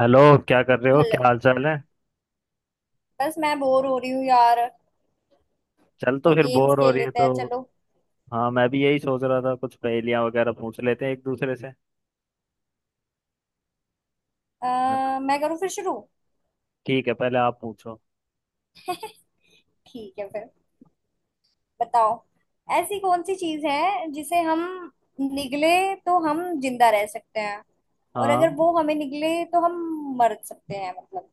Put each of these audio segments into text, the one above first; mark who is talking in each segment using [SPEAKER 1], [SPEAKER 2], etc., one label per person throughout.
[SPEAKER 1] Hello. क्या कर रहे हो,
[SPEAKER 2] हेलो।
[SPEAKER 1] क्या हाल चाल है।
[SPEAKER 2] बस मैं बोर हो रही हूँ यार।
[SPEAKER 1] चल तो
[SPEAKER 2] कोई
[SPEAKER 1] फिर
[SPEAKER 2] गेम्स
[SPEAKER 1] बोर हो
[SPEAKER 2] खेल
[SPEAKER 1] रही है
[SPEAKER 2] लेते हैं,
[SPEAKER 1] तो
[SPEAKER 2] चलो।
[SPEAKER 1] हाँ मैं भी यही सोच रहा था, कुछ पहेलियां वगैरह पूछ लेते हैं एक दूसरे से, है ना?
[SPEAKER 2] मैं करूँ फिर शुरू?
[SPEAKER 1] ठीक है, पहले आप पूछो।
[SPEAKER 2] ठीक है फिर, बताओ। ऐसी कौन सी चीज़ है जिसे हम निगले तो हम जिंदा रह सकते हैं, और
[SPEAKER 1] हाँ,
[SPEAKER 2] अगर वो हमें निगले तो हम मर सकते हैं मतलब।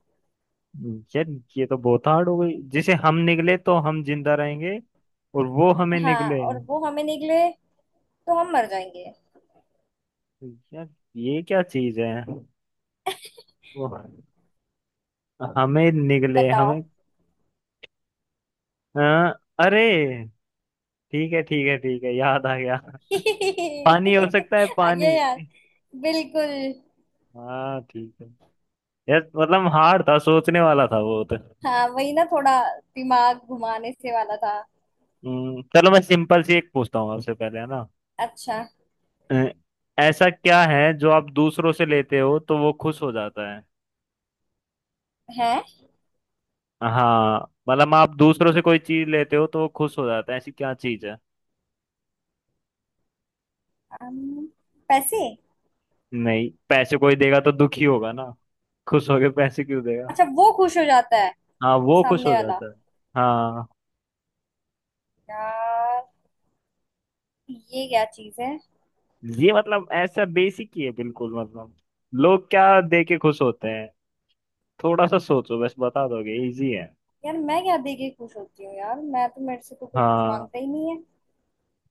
[SPEAKER 1] यार ये तो बहुत हार्ड हो गई। जिसे हम निगले तो हम जिंदा रहेंगे और वो हमें
[SPEAKER 2] हाँ,
[SPEAKER 1] निगले।
[SPEAKER 2] और वो हमें निगले तो हम मर जाएंगे।
[SPEAKER 1] यार ये क्या चीज है, वो हमें निगले हमें।
[SPEAKER 2] बताओ।
[SPEAKER 1] हाँ, अरे, ठीक है ठीक है ठीक है, याद आ गया। पानी हो सकता है,
[SPEAKER 2] आ गया
[SPEAKER 1] पानी।
[SPEAKER 2] यार। बिल्कुल।
[SPEAKER 1] हाँ ठीक है। यार मतलब हार्ड था, सोचने वाला था वो तो।
[SPEAKER 2] हाँ वही ना, थोड़ा दिमाग घुमाने से वाला था।
[SPEAKER 1] चलो मैं सिंपल सी एक पूछता हूँ आपसे पहले, है ना?
[SPEAKER 2] अच्छा।
[SPEAKER 1] अ, ऐसा क्या है जो आप दूसरों से लेते हो तो वो खुश हो जाता है।
[SPEAKER 2] है।
[SPEAKER 1] हाँ मतलब आप दूसरों से कोई चीज लेते हो तो वो खुश हो जाता है, ऐसी क्या चीज है?
[SPEAKER 2] अम, पैसे।
[SPEAKER 1] नहीं पैसे कोई देगा तो दुखी होगा ना, खुश होके पैसे क्यों देगा?
[SPEAKER 2] अच्छा, वो खुश हो जाता है
[SPEAKER 1] हाँ वो खुश
[SPEAKER 2] सामने
[SPEAKER 1] हो
[SPEAKER 2] वाला।
[SPEAKER 1] जाता है। हाँ
[SPEAKER 2] यार ये क्या चीज है?
[SPEAKER 1] ये मतलब ऐसा बेसिक ही है बिल्कुल, मतलब लोग क्या दे के खुश होते हैं। थोड़ा सा सोचो बस, बता दोगे, इजी है।
[SPEAKER 2] यार मैं क्या दे के खुश होती हूँ, यार मैं तो, मेरे से तो कोई कुछ
[SPEAKER 1] हाँ
[SPEAKER 2] मांगता ही नहीं है।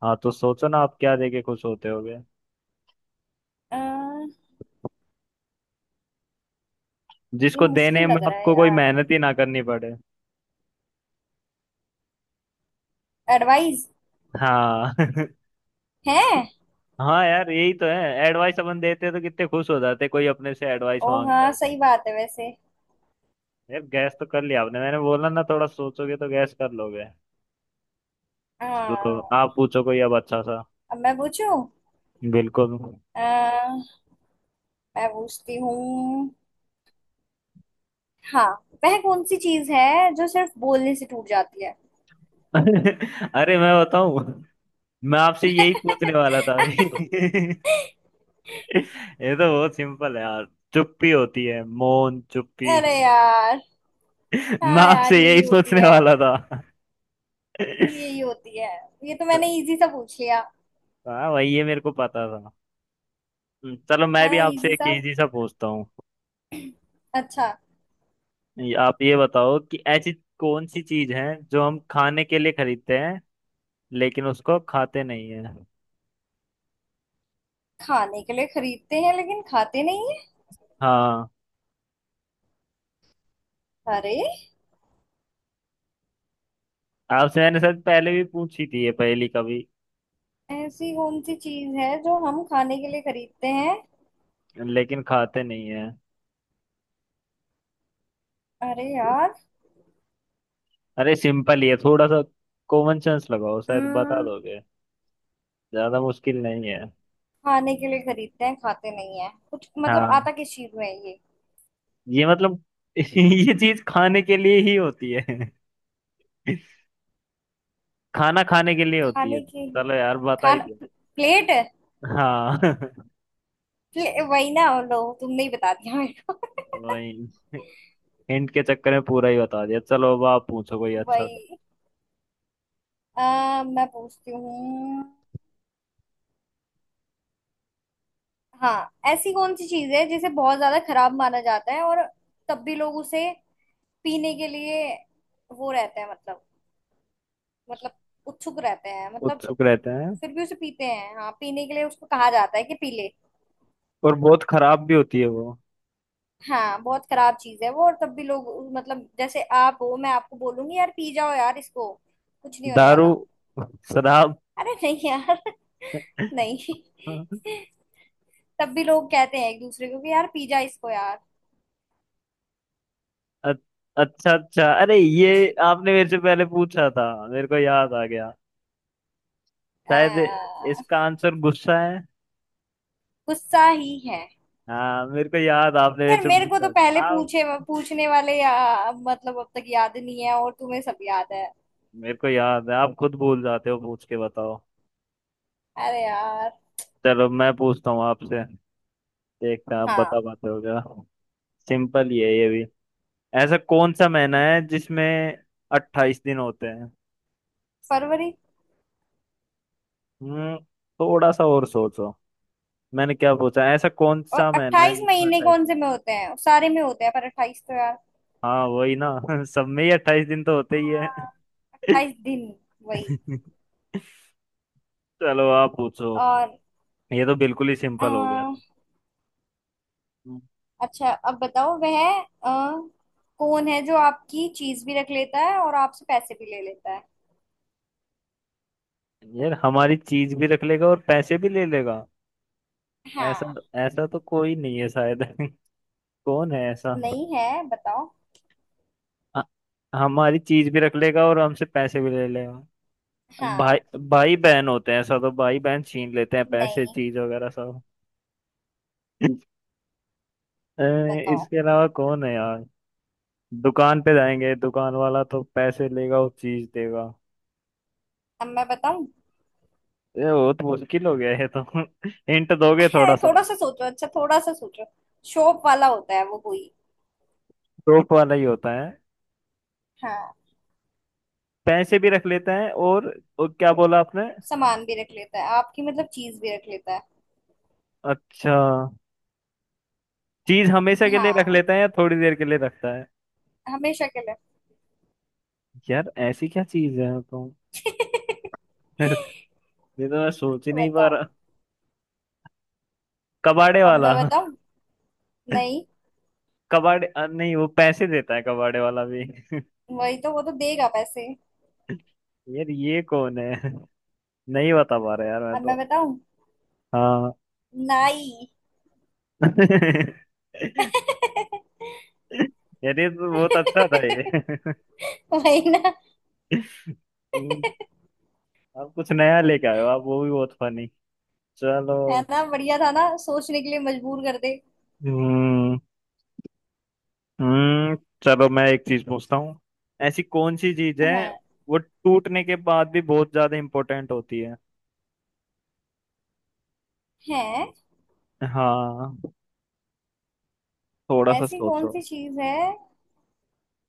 [SPEAKER 1] हाँ तो सोचो ना, आप क्या देके खुश होते होगे।
[SPEAKER 2] अ, ये
[SPEAKER 1] जिसको
[SPEAKER 2] मुश्किल
[SPEAKER 1] देने में
[SPEAKER 2] लग रहा है
[SPEAKER 1] आपको कोई
[SPEAKER 2] यार।
[SPEAKER 1] मेहनत ही ना करनी पड़े।
[SPEAKER 2] एडवाइस।
[SPEAKER 1] हाँ
[SPEAKER 2] है।
[SPEAKER 1] हाँ यार यही तो है। एडवाइस अपन देते तो कितने खुश हो जाते कोई अपने से एडवाइस
[SPEAKER 2] ओ
[SPEAKER 1] मांगता
[SPEAKER 2] हाँ,
[SPEAKER 1] है।
[SPEAKER 2] सही बात है वैसे।
[SPEAKER 1] यार गैस तो कर लिया आपने, मैंने बोला ना थोड़ा सोचोगे तो गैस कर लोगे। तो
[SPEAKER 2] हाँ,
[SPEAKER 1] आप पूछो कोई अब अच्छा सा।
[SPEAKER 2] अब मैं पूछूं?
[SPEAKER 1] बिल्कुल।
[SPEAKER 2] अ, मैं पूछती हूँ। हाँ। वह कौन सी चीज है जो सिर्फ बोलने से टूट जाती है?
[SPEAKER 1] अरे मैं बताऊं, मैं आपसे यही पूछने वाला था अभी ये तो बहुत सिंपल है यार। चुप्पी होती है, मौन चुप्पी।
[SPEAKER 2] अरे यार।
[SPEAKER 1] मैं
[SPEAKER 2] हाँ यार,
[SPEAKER 1] आपसे
[SPEAKER 2] यही
[SPEAKER 1] यही
[SPEAKER 2] होती
[SPEAKER 1] सोचने
[SPEAKER 2] है।
[SPEAKER 1] वाला था।
[SPEAKER 2] यही होती है। ये तो मैंने इजी सा पूछ लिया।
[SPEAKER 1] हाँ वही, ये मेरे को पता था। चलो मैं
[SPEAKER 2] है ना
[SPEAKER 1] भी आपसे
[SPEAKER 2] इजी
[SPEAKER 1] एक
[SPEAKER 2] सा।
[SPEAKER 1] इजी सा पूछता हूँ।
[SPEAKER 2] अच्छा।
[SPEAKER 1] आप ये बताओ कि ऐसी कौन सी चीज है जो हम खाने के लिए खरीदते हैं लेकिन उसको खाते नहीं है।
[SPEAKER 2] खाने के लिए खरीदते हैं लेकिन खाते नहीं है?
[SPEAKER 1] हाँ
[SPEAKER 2] अरे।
[SPEAKER 1] आपसे मैंने शायद पहले भी पूछी थी ये पहेली कभी।
[SPEAKER 2] ऐसी कौन सी चीज है जो हम खाने के लिए खरीदते हैं?
[SPEAKER 1] लेकिन खाते नहीं है।
[SPEAKER 2] अरे यार।
[SPEAKER 1] अरे सिंपल ही है थोड़ा सा, कॉमन सेंस लगाओ शायद बता
[SPEAKER 2] हम्म
[SPEAKER 1] दोगे। ज्यादा मुश्किल नहीं है।
[SPEAKER 2] खाने के लिए खरीदते हैं खाते नहीं है, कुछ मतलब
[SPEAKER 1] हाँ
[SPEAKER 2] आता किस चीज में है ये?
[SPEAKER 1] ये मतलब ये चीज खाने के लिए ही होती है। खाना खाने के लिए होती है,
[SPEAKER 2] खाने के,
[SPEAKER 1] चलो यार बता ही
[SPEAKER 2] खाना
[SPEAKER 1] दिया।
[SPEAKER 2] प्लेट है।
[SPEAKER 1] हाँ
[SPEAKER 2] वही ना, लो तुमने ही बता दिया मेरे
[SPEAKER 1] वही, हिंट के चक्कर में पूरा ही बता दिया। चलो अब आप पूछो कोई
[SPEAKER 2] को।
[SPEAKER 1] अच्छा सा।
[SPEAKER 2] वही। मैं पूछती हूँ। हाँ। ऐसी कौन सी चीज है जिसे बहुत ज्यादा खराब माना जाता है, और तब भी लोग उसे पीने के लिए वो रहते हैं मतलब, मतलब उत्सुक रहते हैं मतलब।
[SPEAKER 1] उत्सुक रहते हैं।
[SPEAKER 2] फिर भी उसे पीते हैं, हाँ पीने के लिए उसको कहा जाता है कि पी ले।
[SPEAKER 1] और बहुत खराब भी होती है वो।
[SPEAKER 2] हाँ बहुत खराब चीज है वो, और तब भी लोग, मतलब जैसे आप हो, मैं आपको बोलूंगी यार पी जाओ यार इसको, कुछ नहीं होने
[SPEAKER 1] दारू
[SPEAKER 2] वाला।
[SPEAKER 1] शराब।
[SPEAKER 2] अरे नहीं यार। नहीं। तब भी लोग कहते हैं एक दूसरे को कि यार पी जा इसको यार।
[SPEAKER 1] अ- अच्छा अच्छा, अरे ये आपने मेरे से पहले पूछा था, मेरे को याद आ गया
[SPEAKER 2] अ,
[SPEAKER 1] शायद। इसका आंसर गुस्सा है।
[SPEAKER 2] गुस्सा ही है।
[SPEAKER 1] हाँ मेरे को याद, आपने मेरे
[SPEAKER 2] यार
[SPEAKER 1] से
[SPEAKER 2] मेरे को तो
[SPEAKER 1] पूछा
[SPEAKER 2] पहले
[SPEAKER 1] था आप।
[SPEAKER 2] पूछे पूछने वाले, मतलब अब तक याद नहीं है और तुम्हें सब याद है।
[SPEAKER 1] मेरे को याद है, आप खुद भूल जाते हो, पूछ के बताओ।
[SPEAKER 2] अरे यार।
[SPEAKER 1] चलो मैं पूछता हूँ आपसे, देखते हैं आप बता
[SPEAKER 2] हाँ।
[SPEAKER 1] पाते हो क्या। सिंपल ही है ये भी। ऐसा कौन सा महीना है जिसमें 28 दिन होते हैं?
[SPEAKER 2] फरवरी।
[SPEAKER 1] हम्म। थोड़ा सा और सोचो, मैंने क्या पूछा, ऐसा कौन
[SPEAKER 2] और
[SPEAKER 1] सा महीना है
[SPEAKER 2] अट्ठाईस
[SPEAKER 1] जिसमें
[SPEAKER 2] महीने
[SPEAKER 1] अट्ठाईस
[SPEAKER 2] कौन
[SPEAKER 1] दिन।
[SPEAKER 2] से में होते हैं, सारे में होते हैं पर 28 तो यार।
[SPEAKER 1] हाँ वही ना। सब में ही 28 दिन तो होते ही है।
[SPEAKER 2] हाँ। 28 दिन। वही।
[SPEAKER 1] चलो आप पूछो।
[SPEAKER 2] और
[SPEAKER 1] ये तो बिल्कुल ही
[SPEAKER 2] अ,
[SPEAKER 1] सिंपल हो गया था। हम्म।
[SPEAKER 2] अच्छा अब बताओ, वह अ, कौन है जो आपकी चीज भी रख लेता है और आपसे पैसे भी ले लेता है?
[SPEAKER 1] यार हमारी चीज भी रख लेगा और पैसे भी ले लेगा? ऐसा,
[SPEAKER 2] हाँ।
[SPEAKER 1] ऐसा तो कोई नहीं है शायद कौन है ऐसा।
[SPEAKER 2] नहीं है, बताओ।
[SPEAKER 1] ह- हमारी चीज भी रख लेगा और हमसे पैसे भी ले लेगा।
[SPEAKER 2] हाँ।
[SPEAKER 1] भाई। भाई बहन होते हैं ऐसा, तो भाई बहन छीन लेते हैं पैसे
[SPEAKER 2] नहीं।
[SPEAKER 1] चीज वगैरह सब अ,
[SPEAKER 2] बताओ।
[SPEAKER 1] इसके अलावा कौन है यार, दुकान पे जाएंगे दुकान वाला तो पैसे लेगा और चीज देगा।
[SPEAKER 2] अब मैं बताऊं?
[SPEAKER 1] ये बहुत मुश्किल हो गया है तो हिंट दोगे
[SPEAKER 2] है,
[SPEAKER 1] थोड़ा सा?
[SPEAKER 2] थोड़ा सा सोचो। अच्छा थोड़ा सा सोचो। शॉप वाला होता है वो कोई?
[SPEAKER 1] रोप वाला ही होता है।
[SPEAKER 2] हाँ।
[SPEAKER 1] पैसे भी रख लेते हैं और क्या बोला आपने?
[SPEAKER 2] सामान भी रख लेता है आपकी, मतलब चीज भी रख लेता है।
[SPEAKER 1] अच्छा, चीज हमेशा के लिए रख
[SPEAKER 2] हाँ।
[SPEAKER 1] लेते हैं या थोड़ी देर के लिए रखता है?
[SPEAKER 2] हमेशा के लिए।
[SPEAKER 1] यार ऐसी क्या चीज है तो ये तो मैं सोच ही नहीं पा
[SPEAKER 2] बताओ।
[SPEAKER 1] रहा। कबाड़े
[SPEAKER 2] अब
[SPEAKER 1] वाला?
[SPEAKER 2] मैं बताऊं? नहीं।
[SPEAKER 1] कबाड़े नहीं वो पैसे देता है कबाड़े वाला भी।
[SPEAKER 2] वही तो, वो तो देगा पैसे।
[SPEAKER 1] यार ये कौन है, नहीं बता पा रहा यार मैं
[SPEAKER 2] अब
[SPEAKER 1] तो।
[SPEAKER 2] मैं बताऊं?
[SPEAKER 1] हाँ
[SPEAKER 2] नाई।
[SPEAKER 1] यार ये तो बहुत अच्छा था ये।
[SPEAKER 2] वही ना।
[SPEAKER 1] हम्म, आप कुछ नया लेके आए हो आप, वो भी बहुत फनी। चलो।
[SPEAKER 2] है ना, बढ़िया था ना, सोचने के लिए मजबूर कर दे।
[SPEAKER 1] हम्म। हम्म। चलो मैं एक चीज पूछता हूँ, ऐसी कौन सी चीज है
[SPEAKER 2] हाँ।
[SPEAKER 1] वो टूटने के बाद भी बहुत ज्यादा इम्पोर्टेंट होती है?
[SPEAKER 2] है।
[SPEAKER 1] हाँ थोड़ा सा
[SPEAKER 2] ऐसी कौन
[SPEAKER 1] सोचो।
[SPEAKER 2] सी चीज है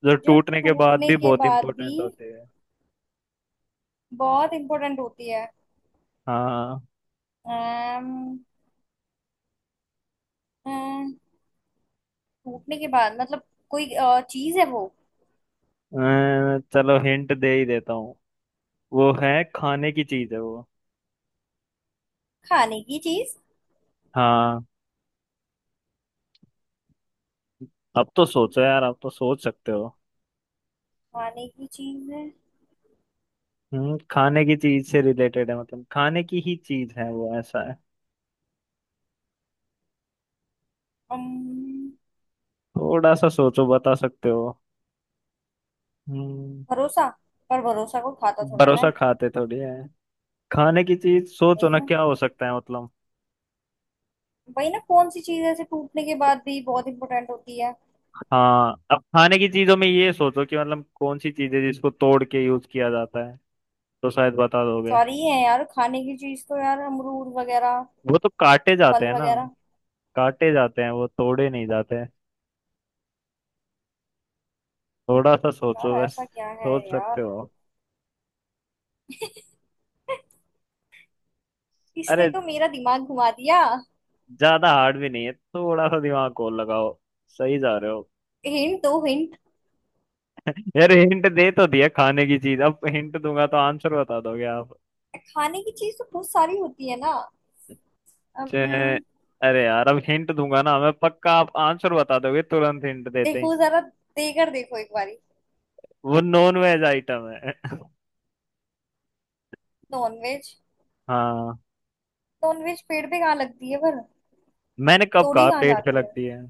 [SPEAKER 1] जो
[SPEAKER 2] जो
[SPEAKER 1] टूटने के बाद
[SPEAKER 2] टूटने
[SPEAKER 1] भी
[SPEAKER 2] के
[SPEAKER 1] बहुत
[SPEAKER 2] बाद भी
[SPEAKER 1] इम्पोर्टेंट होते हैं।
[SPEAKER 2] बहुत इंपॉर्टेंट होती है?
[SPEAKER 1] हाँ
[SPEAKER 2] अम्म, अम्म, टूटने के बाद मतलब, कोई चीज है वो?
[SPEAKER 1] चलो हिंट दे ही देता हूँ, वो है, खाने की चीज है वो।
[SPEAKER 2] खाने की चीज
[SPEAKER 1] हाँ अब तो सोचो यार, अब तो सोच सकते हो।
[SPEAKER 2] खाने की चीज है?
[SPEAKER 1] हम्म, खाने की चीज से रिलेटेड है मतलब, खाने की ही चीज है वो ऐसा है।
[SPEAKER 2] अम्म,
[SPEAKER 1] थोड़ा सा सोचो, बता सकते हो। हम्म।
[SPEAKER 2] भरोसा। पर भरोसा को खाता थोड़ा ना
[SPEAKER 1] भरोसा
[SPEAKER 2] है।
[SPEAKER 1] खाते थोड़ी है। खाने की चीज सोचो
[SPEAKER 2] वही
[SPEAKER 1] ना,
[SPEAKER 2] ना।
[SPEAKER 1] क्या हो सकता है मतलब।
[SPEAKER 2] वही ना, कौन सी चीज ऐसे टूटने के बाद भी बहुत इंपॉर्टेंट होती है?
[SPEAKER 1] हाँ अब खाने की चीजों में ये सोचो कि मतलब कौन सी चीज है जिसको तोड़ के यूज किया जाता है, तो शायद बता दोगे।
[SPEAKER 2] सॉरी है यार, खाने की चीज तो यार अमरूद वगैरह,
[SPEAKER 1] वो तो काटे जाते
[SPEAKER 2] फल
[SPEAKER 1] हैं ना,
[SPEAKER 2] वगैरह?
[SPEAKER 1] काटे जाते हैं वो, तोड़े नहीं जाते हैं। थोड़ा सा
[SPEAKER 2] यार
[SPEAKER 1] सोचो बस,
[SPEAKER 2] ऐसा क्या है
[SPEAKER 1] सोच
[SPEAKER 2] यार।
[SPEAKER 1] सकते हो।
[SPEAKER 2] इसने
[SPEAKER 1] अरे
[SPEAKER 2] तो मेरा दिमाग घुमा दिया।
[SPEAKER 1] ज्यादा हार्ड भी नहीं है, थोड़ा सा दिमाग को लगाओ, सही जा रहे हो।
[SPEAKER 2] हिंट दो हिंट।
[SPEAKER 1] यार हिंट दे तो दिया, खाने की चीज, अब हिंट दूंगा तो आंसर बता दोगे आप।
[SPEAKER 2] खाने की चीज तो बहुत सारी होती है ना।
[SPEAKER 1] चे-
[SPEAKER 2] Um,
[SPEAKER 1] अरे यार अब हिंट दूंगा ना मैं, पक्का आप आंसर बता दोगे तुरंत हिंट देते ही।
[SPEAKER 2] देखो जरा, देकर देखो एक बारी।
[SPEAKER 1] वो नॉन वेज आइटम है
[SPEAKER 2] नॉनवेज?
[SPEAKER 1] हाँ,
[SPEAKER 2] नॉनवेज पेड़ पे कहाँ लगती है पर?
[SPEAKER 1] मैंने कब
[SPEAKER 2] तोड़ी
[SPEAKER 1] कहा
[SPEAKER 2] कहाँ
[SPEAKER 1] पेट पे
[SPEAKER 2] जाती है?
[SPEAKER 1] लगती है,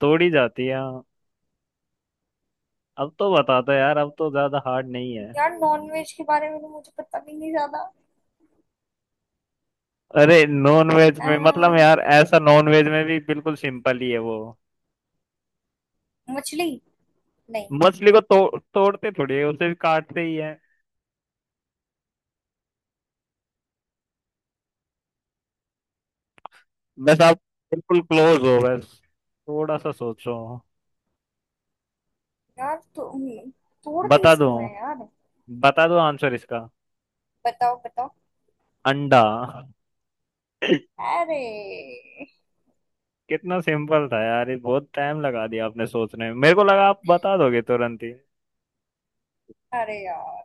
[SPEAKER 1] तोड़ी जाती है हाँ। अब तो बता दो यार, अब तो ज्यादा हार्ड नहीं है।
[SPEAKER 2] यार नॉनवेज के बारे में तो मुझे पता भी नहीं ज्यादा।
[SPEAKER 1] अरे नॉन वेज में मतलब
[SPEAKER 2] अह,
[SPEAKER 1] यार, ऐसा नॉन वेज में भी बिल्कुल सिंपल ही है वो।
[SPEAKER 2] मछली? नहीं।
[SPEAKER 1] मछली को तो, तोड़ते थोड़ी है, उसे भी काटते ही है। बस आप बिल्कुल क्लोज हो बस, थोड़ा सा सोचो।
[SPEAKER 2] यार तो तोड़ते
[SPEAKER 1] बता दो,
[SPEAKER 2] किसको है यार?
[SPEAKER 1] बता दो आंसर इसका।
[SPEAKER 2] बताओ बताओ।
[SPEAKER 1] अंडा
[SPEAKER 2] अरे।
[SPEAKER 1] कितना सिंपल था यार ये, बहुत टाइम लगा दिया आपने सोचने में, मेरे को लगा आप बता दोगे तुरंत ही।
[SPEAKER 2] अरे यार,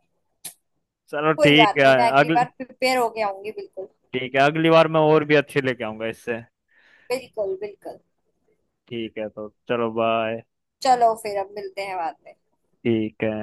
[SPEAKER 1] चलो
[SPEAKER 2] कोई
[SPEAKER 1] ठीक
[SPEAKER 2] बात
[SPEAKER 1] है।
[SPEAKER 2] नहीं, मैं अगली
[SPEAKER 1] अगली
[SPEAKER 2] बार प्रिपेयर होके आऊंगी। बिल्कुल।
[SPEAKER 1] ठीक है, अगली बार मैं और भी अच्छे लेके आऊंगा इससे।
[SPEAKER 2] बिल्कुल बिल्कुल।
[SPEAKER 1] ठीक है तो चलो, बाय।
[SPEAKER 2] चलो फिर, अब मिलते हैं बाद में।
[SPEAKER 1] ठीक है।